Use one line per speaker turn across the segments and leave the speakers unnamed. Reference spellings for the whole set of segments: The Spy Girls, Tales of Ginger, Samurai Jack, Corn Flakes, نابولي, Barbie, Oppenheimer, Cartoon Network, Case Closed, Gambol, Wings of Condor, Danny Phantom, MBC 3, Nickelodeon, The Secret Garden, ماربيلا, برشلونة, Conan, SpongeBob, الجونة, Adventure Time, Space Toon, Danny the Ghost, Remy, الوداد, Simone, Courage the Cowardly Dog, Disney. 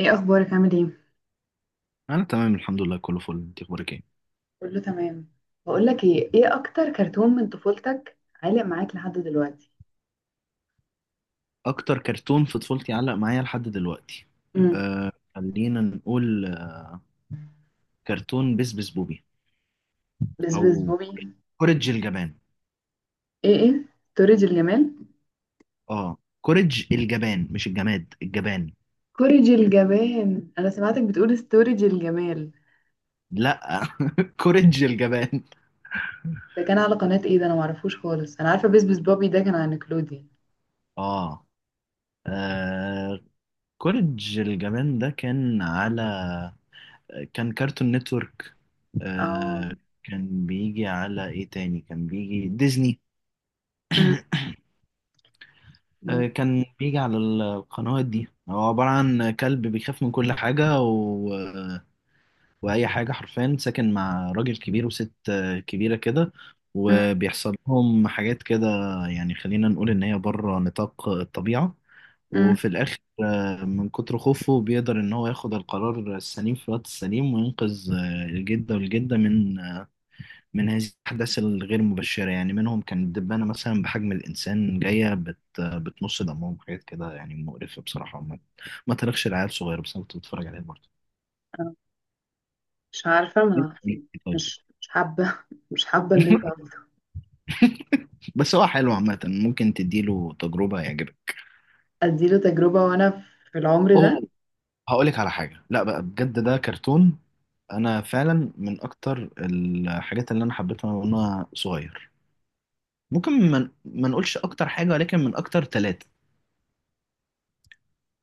ايه اخبارك؟ عامل ايه؟
انا تمام الحمد لله، كله فل. انت اخبارك ايه؟
كله تمام. بقول لك ايه اكتر كرتون من طفولتك عالق معاك لحد دلوقتي؟
اكتر كرتون في طفولتي علق معايا لحد دلوقتي.
امم
خلينا نقول كرتون بس بس بوبي.
بس بس
او
بوبي.
كوريج الجبان.
ايه ستورج الجمال.
اه، كوريج الجبان مش الجماد الجبان.
كوريج الجبان؟ انا سمعتك بتقول ستورج الجمال.
لا. كوريج الجبان.
ده كان على قناة ايه؟ ده انا معرفوش خالص. انا عارفة بس بس بوبي ده كان على نيكلوديان.
اه آه، كوريج الجبان ده كان على... كان كارتون نتورك.
اه.
آه، كان بيجي على ايه تاني؟ كان بيجي ديزني.
امم
آه،
امم
كان بيجي على القنوات دي. هو عبارة عن كلب بيخاف من كل حاجة وأي حاجة حرفيا. ساكن مع راجل كبير وست كبيرة كده.
امم
وبيحصل لهم حاجات كده. يعني خلينا نقول إن هي بره نطاق الطبيعة.
أمم.
وفي الآخر، من كتر خوفه بيقدر إن هو ياخد القرار السليم في الوقت السليم، وينقذ الجدة من من هذه الأحداث الغير مبشرة. يعني منهم كان دبانة مثلا بحجم الإنسان جاية بتمص دمهم. حاجات كده يعني مقرفة بصراحة. ما تاريخش العيال صغيرة، بس أنا كنت بتفرج عليه برضه.
أنا مش عارفة ما عارفة.
طيب.
مش حابة مش حابة اللي انت عملته.
بس هو حلو عامة، ممكن تديله تجربة يعجبك.
اديله تجربة وانا في العمر ده؟
أوه، هقولك على حاجة. لا بقى بجد ده كرتون. أنا فعلا من أكتر الحاجات اللي أنا حبيتها وأنا صغير. ممكن ما نقولش أكتر حاجة، ولكن من أكتر ثلاثة.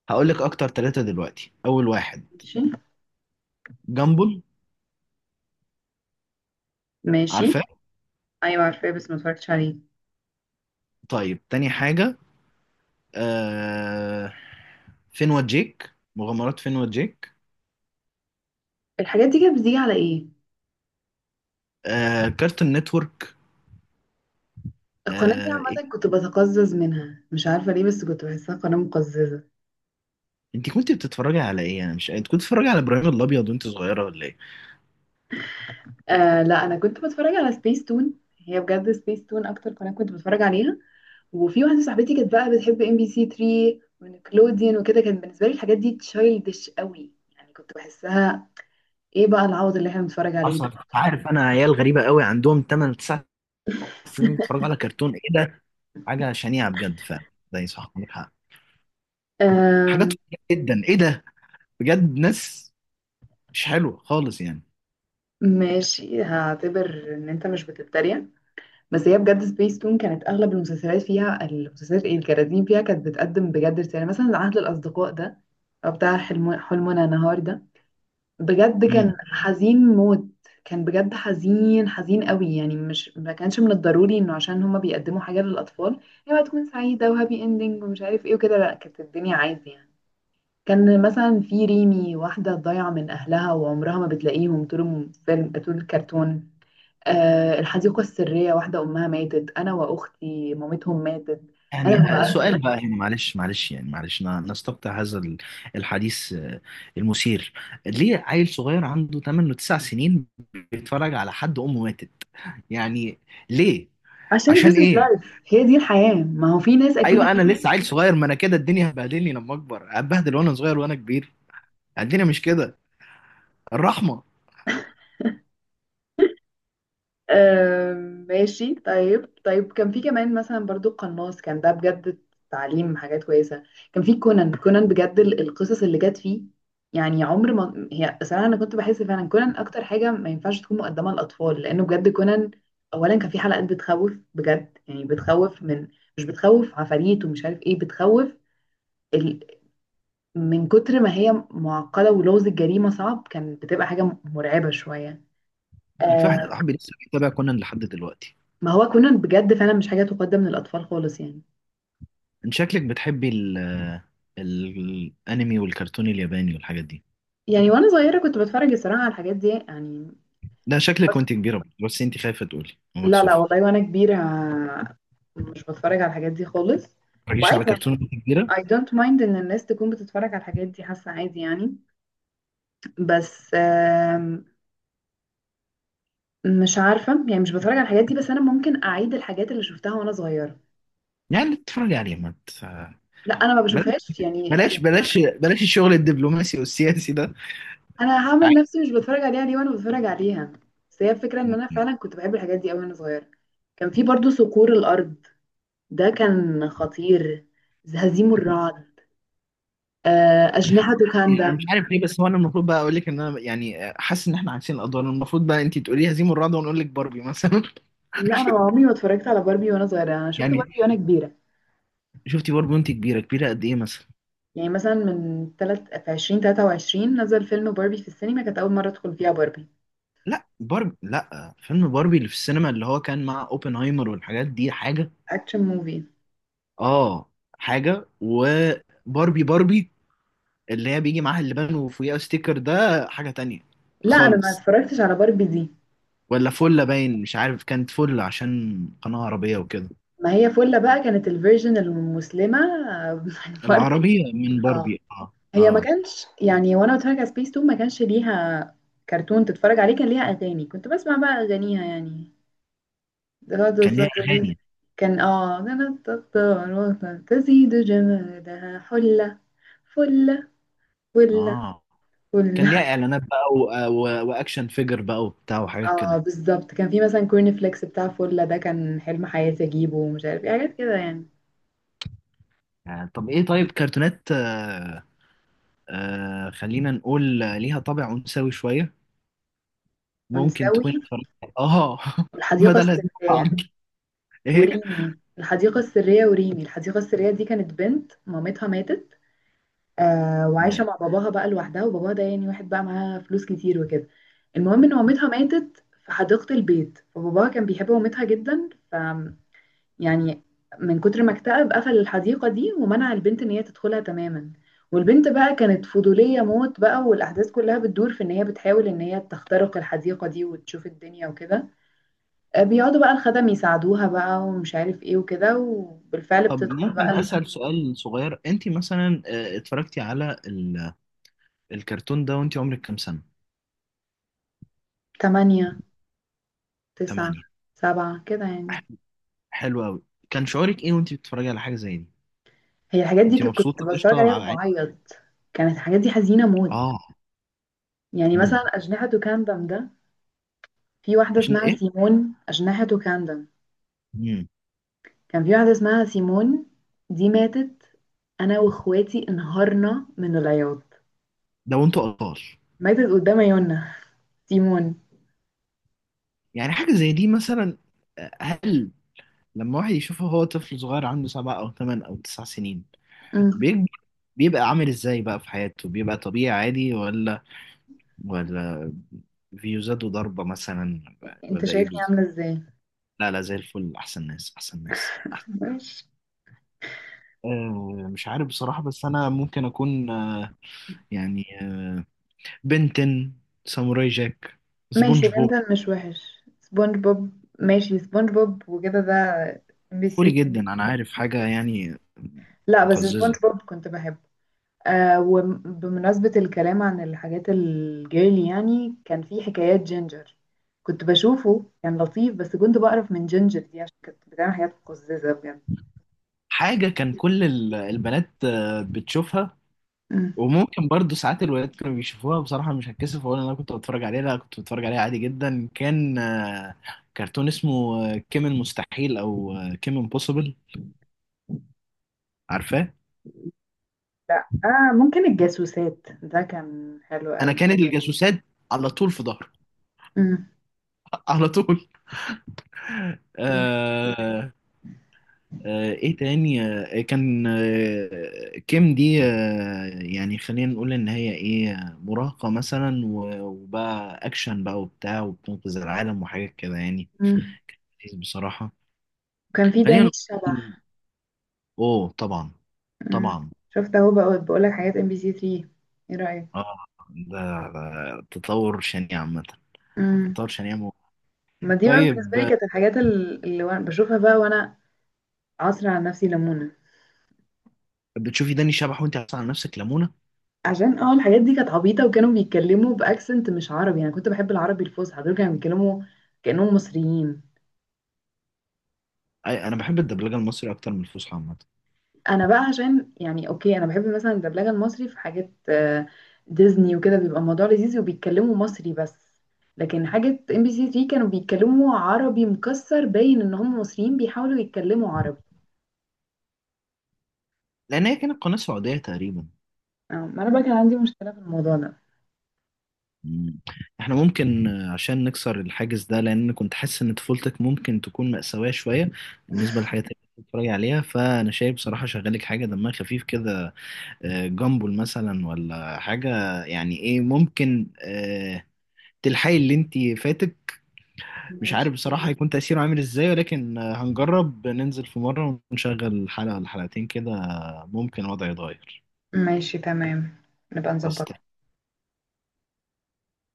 هقولك أكتر ثلاثة دلوقتي. أول واحد
ماشي.
جامبل.
ماشي،
عارفاه؟
ايوه عارفاه بس ما اتفرجتش عليه.
طيب، تاني حاجة آه... فين جيك، مغامرات فين جيك.
الحاجات دي كانت بتيجي على ايه؟
كارتون نتورك.
القناة دي
إيه؟
عامة كنت بتقزز منها، مش عارفة ليه، بس كنت بحسها قناة مقززة.
انت كنت بتتفرجي على ايه؟ انا مش انت كنت بتتفرجي على ابراهيم الابيض وانت صغيرة ولا ايه؟
آه لا، أنا كنت بتفرج على سبيس تون. هي بجد سبيس تون أكتر قناة كنت بتفرج عليها. وفي واحدة صاحبتي كانت بقى بتحب ام بي سي 3 ونيكلوديان وكده، كان بالنسبة لي الحاجات دي تشايلدش قوي يعني، كنت بحسها ايه بقى العوض اللي احنا بنتفرج عليه
حصل.
ده.
انت عارف انا عيال غريبة قوي عندهم 8 9 سنين بيتفرجوا على كرتون ايه ده؟ حاجة شنيعة بجد فعلا. ده صح، عندك حق.
آم،
حاجات جدا ايه ده، بجد ناس مش حلوة خالص يعني.
ماشي، هعتبر ان انت مش بتتريق. بس هي بجد سبيس تون كانت اغلب المسلسلات فيها، المسلسلات ايه، الكراتين فيها كانت بتقدم بجد رساله. يعني مثلا عهد الاصدقاء ده او بتاع حلم حلمنا نهار ده، بجد
امم
كان حزين موت. كان بجد حزين، حزين قوي يعني، مش ما كانش من الضروري انه عشان هما بيقدموا حاجه للاطفال هي تكون سعيده وهابي اندنج ومش عارف ايه وكده. لا، كانت الدنيا عادي يعني. كان مثلا في ريمي، واحده ضايعه من اهلها وعمرها ما بتلاقيهم طول الفيلم، طول الكرتون. الحديقة السرية، واحدة أمها ماتت. أنا وأختي مامتهم ماتت. أنا
يعني
ياه.
سؤال بقى هنا، معلش معلش يعني معلش نستقطع هذا الحديث المثير. ليه عيل صغير عنده 8 و9 سنين بيتفرج على حد أمه ماتت؟ يعني ليه؟
عشان
عشان
this is
ايه؟
life، هي دي الحياة، ما هو في ناس أكيد.
ايوه انا لسه عيل صغير، ما انا كده الدنيا هتبهدلني لما اكبر، هتبهدل وانا صغير وانا كبير. الدنيا مش كده. الرحمة.
ماشي، طيب طيب، كان في كمان مثلا برضو قناص، كان ده بجد تعليم حاجات كويسة. كان في كونان. كونان بجد القصص اللي جت فيه، يعني عمر ما، هي صراحة أنا كنت بحس فعلا كونان أكتر حاجة ما ينفعش تكون مقدمة للأطفال. لأنه بجد كونان أولا كان في حلقات بتخوف بجد. يعني بتخوف من، مش بتخوف عفاريت ومش عارف إيه، بتخوف ال... من كتر ما هي معقدة ولغز الجريمة صعب، كان بتبقى حاجة مرعبة شوية.
انا في واحد
آه،
صاحبي لسه بيتابع كونان لحد دلوقتي.
ما هو كونان بجد فعلا مش حاجة تقدم للأطفال خالص يعني.
انت شكلك بتحبي الانمي والكرتون الياباني والحاجات دي.
يعني وأنا صغيرة كنت بتفرج الصراحة على الحاجات دي يعني،
ده شكلك
بس
وانت كبيرة، بس انت خايفة تقولي
لا لا
ومكسوفة.
والله، وأنا كبيرة مش بتفرج على الحاجات دي خالص.
تتفرجيش
وعادي
على
يعني،
كرتون كبيرة؟
I don't mind إن الناس تكون بتتفرج على الحاجات دي، حاسة عادي يعني. بس مش عارفة يعني، مش بتفرج على الحاجات دي، بس أنا ممكن أعيد الحاجات اللي شفتها وأنا صغيرة.
يعني تتفرجي عليه ما ت-
لا أنا ما
بلاش،
بشوفهاش يعني آخر.
بلاش بلاش بلاش الشغل الدبلوماسي والسياسي ده.
انا هعمل
عادي
نفسي مش بتفرج عليها ليه وانا بتفرج عليها؟ بس هي الفكره ان انا فعلا كنت بحب الحاجات دي قوي وانا صغيره. كان في برضو صقور الارض، ده كان خطير. هزيم الرعد. اجنحه
يعني.
كاندا.
انا مش عارف ليه، بس هو انا المفروض بقى اقول لك ان انا يعني حاسس ان احنا عكسين الادوار. المفروض بقى انت تقولي هزيم الرعد وانا اقول لك باربي مثلا.
لا، انا عمري ما اتفرجت على باربي وانا صغيره. انا شفت
يعني
باربي وانا كبيره.
شفتي باربي وانت كبيره كبيره قد ايه مثلا؟
يعني مثلا من تلت في 2023 نزل فيلم باربي في السينما، كانت اول مره ادخل فيها باربي.
لا باربي، لا فيلم باربي اللي في السينما اللي هو كان مع اوبنهايمر والحاجات دي حاجه.
اكشن موفي.
اه، حاجه. وباربي باربي اللي هي بيجي معاها اللبان وفوقيها ستيكر ده حاجه تانية
لا، انا ما
خالص.
اتفرجتش على باربي دي.
ولا فلة باين. مش عارف، كانت فلة عشان قناة عربية وكده.
ما هي فله بقى كانت الفيرجن المسلمه. بتاع باربي.
العربية من
اه،
باربي. اه
هي ما
اه.
كانش يعني وانا بتفرج على سبيس تون ما كانش ليها كرتون تتفرج عليه. كان ليها اغاني، كنت بسمع بقى اغانيها يعني. غدا
كان ليها
الزهرة دي.
أغاني.
كان اه كانت الطاروس، تزيد جمالها حلة. فلة. فلة.
اه، كان
فلة.
ليها إعلانات بقى و... و... وأكشن فيجر بقى وبتاع وحاجات
اه
كده.
بالظبط، كان في مثلا كورن فليكس بتاع فلة ده، كان حلم حياتي اجيبه ومش عارف ايه حاجات كده يعني.
آه. طب إيه؟ طيب كرتونات، خلينا نقول ليها طابع أنثوي شوية، ممكن
ونسوي،
تكون اتفرجت. اه.
الحديقة
بدل هذه بعض.
السرية
ايه.
وريمي. الحديقة السرية وريمي الحديقة السرية دي، كانت بنت مامتها ماتت. آه وعايشه
نعم.
مع باباها بقى لوحدها، وباباها ده يعني واحد بقى معاه فلوس كتير وكده. المهم ان مامتها ماتت في حديقه البيت، فباباها كان بيحب مامتها جدا، ف يعني من كتر ما اكتئب قفل الحديقه دي ومنع البنت ان هي تدخلها تماما. والبنت بقى كانت فضوليه موت بقى، والاحداث كلها بتدور في ان هي بتحاول ان هي تخترق الحديقه دي وتشوف الدنيا وكده. بيقعدوا بقى الخدم يساعدوها بقى ومش عارف ايه وكده، وبالفعل
طب
بتدخل
ممكن
بقى.
أسأل سؤال صغير. انت مثلا اتفرجتي على الكرتون ده وانت عمرك كام سنة؟
تمانية، تسعة،
8.
سبعة كده يعني.
حلو قوي. كان شعورك ايه وانت بتتفرجي على حاجه زي دي؟
هي الحاجات دي
كنت
كنت
مبسوطه
بتفرج
قشطه
عليها
على عين.
وبعيط. كانت الحاجات دي حزينة موت.
اه.
يعني مثلا
امم.
أجنحة كاندم ده، في واحدة
عشان
اسمها
ايه؟
سيمون. أجنحة كاندم،
امم.
كان في واحدة اسمها سيمون، دي ماتت. أنا وإخواتي انهارنا من العياط.
ده وانتوا اطفال.
ماتت قدام عيوننا سيمون.
يعني حاجه زي دي مثلا، هل لما واحد يشوفه هو طفل صغير عنده 7 او 8 او 9 سنين
أمم.
بيكبر، بيبقى عامل ازاي بقى في حياته؟ بيبقى طبيعي عادي، ولا فيوزات وضربه مثلا،
انت
ولا ايه
شايفني
بالظبط؟
عاملة ازاي؟
لا لا، زي الفل، احسن ناس احسن ناس أحسن.
ماشي.
مش عارف بصراحة، بس أنا ممكن أكون يعني آه، بنتن، ساموراي جاك،
ماشي،
سبونج بوب.
بنتن مش وحش. سبونج بوب، ماشي، سبونج بوب وكده ده ام بي
قولي
سي.
جدا انا عارف حاجه يعني
لا بس سبونج
مقززه.
بوب كنت بحبه. آه، وبمناسبة الكلام عن الحاجات الجيرلي يعني، كان في حكايات جينجر، كنت بشوفه كان لطيف بس كنت بقرف من جينجر دي عشان كانت بتعمل حاجات مقززة بجد.
حاجه كان كل البنات بتشوفها،
مم.
وممكن برضو ساعات الولاد كانوا بيشوفوها. بصراحه مش هتكسف اقول إن انا كنت بتفرج عليها، لا كنت بتفرج عليها عادي جدا. كان كرتون اسمه كيمن مستحيل او كيمن بوسيبل. عارفاه؟
لا آه، ممكن الجاسوسات، ده كان حلو
انا
قوي.
كانت الجاسوسات على طول في ظهري.
مم.
على طول. آه، ايه تاني؟ كان كيم دي خلينا نقول ان هي ايه، مراهقة مثلا وبقى اكشن بقى وبتاع وبتنقذ العالم وحاجات كده يعني.
مم.
بصراحة
وكان في
خلينا
داني
نقول،
الشبح.
اوه طبعا
مم.
طبعا.
شفت اهو، بقول بقولك حاجات ام بي سي 3، ايه رأيك؟
اه. ده ده تطور شنيع عامة.
مم.
تطور شنيع
ما دي بقى بالنسبة
طيب.
لي كانت الحاجات اللي بشوفها بقى وانا عصر على نفسي ليمونة.
بتشوفي داني شبح وانت عاطفة على نفسك لمونة؟
عشان اه الحاجات دي كانت عبيطة وكانوا بيتكلموا بأكسنت مش عربي. أنا كنت بحب العربي الفصحى، دول كانوا بيتكلموا كأنهم مصريين.
انا بحب الدبلجة المصري اكتر من الفصحى عامة.
أنا بقى عشان يعني، أوكي أنا بحب مثلا الدبلجة المصري في حاجات، ديزني وكده بيبقى الموضوع لذيذ وبيتكلموا مصري بس. لكن حاجة ام بي سي 3 كانوا بيتكلموا عربي مكسر، باين إن هم مصريين بيحاولوا يتكلموا عربي.
لان هي كانت قناة سعودية تقريبا.
ما أنا بقى كان عندي مشكلة في الموضوع ده.
مم. احنا ممكن عشان نكسر الحاجز ده، لان كنت حاسس ان طفولتك ممكن تكون مأساوية شوية بالنسبة للحاجات اللي كنت بتتفرج عليها، فانا شايف بصراحة شغالك حاجة دمها خفيف كده. جامبل مثلا ولا حاجة. يعني ايه، ممكن تلحقي اللي انت فاتك. مش
ماشي.
عارف بصراحة هيكون تأثيره عامل ازاي، ولكن هنجرب ننزل في مرة ونشغل حلقة ولا حلقتين كده. ممكن الوضع يتغير.
ماشي تمام، نبقى نظبط.
خلاص.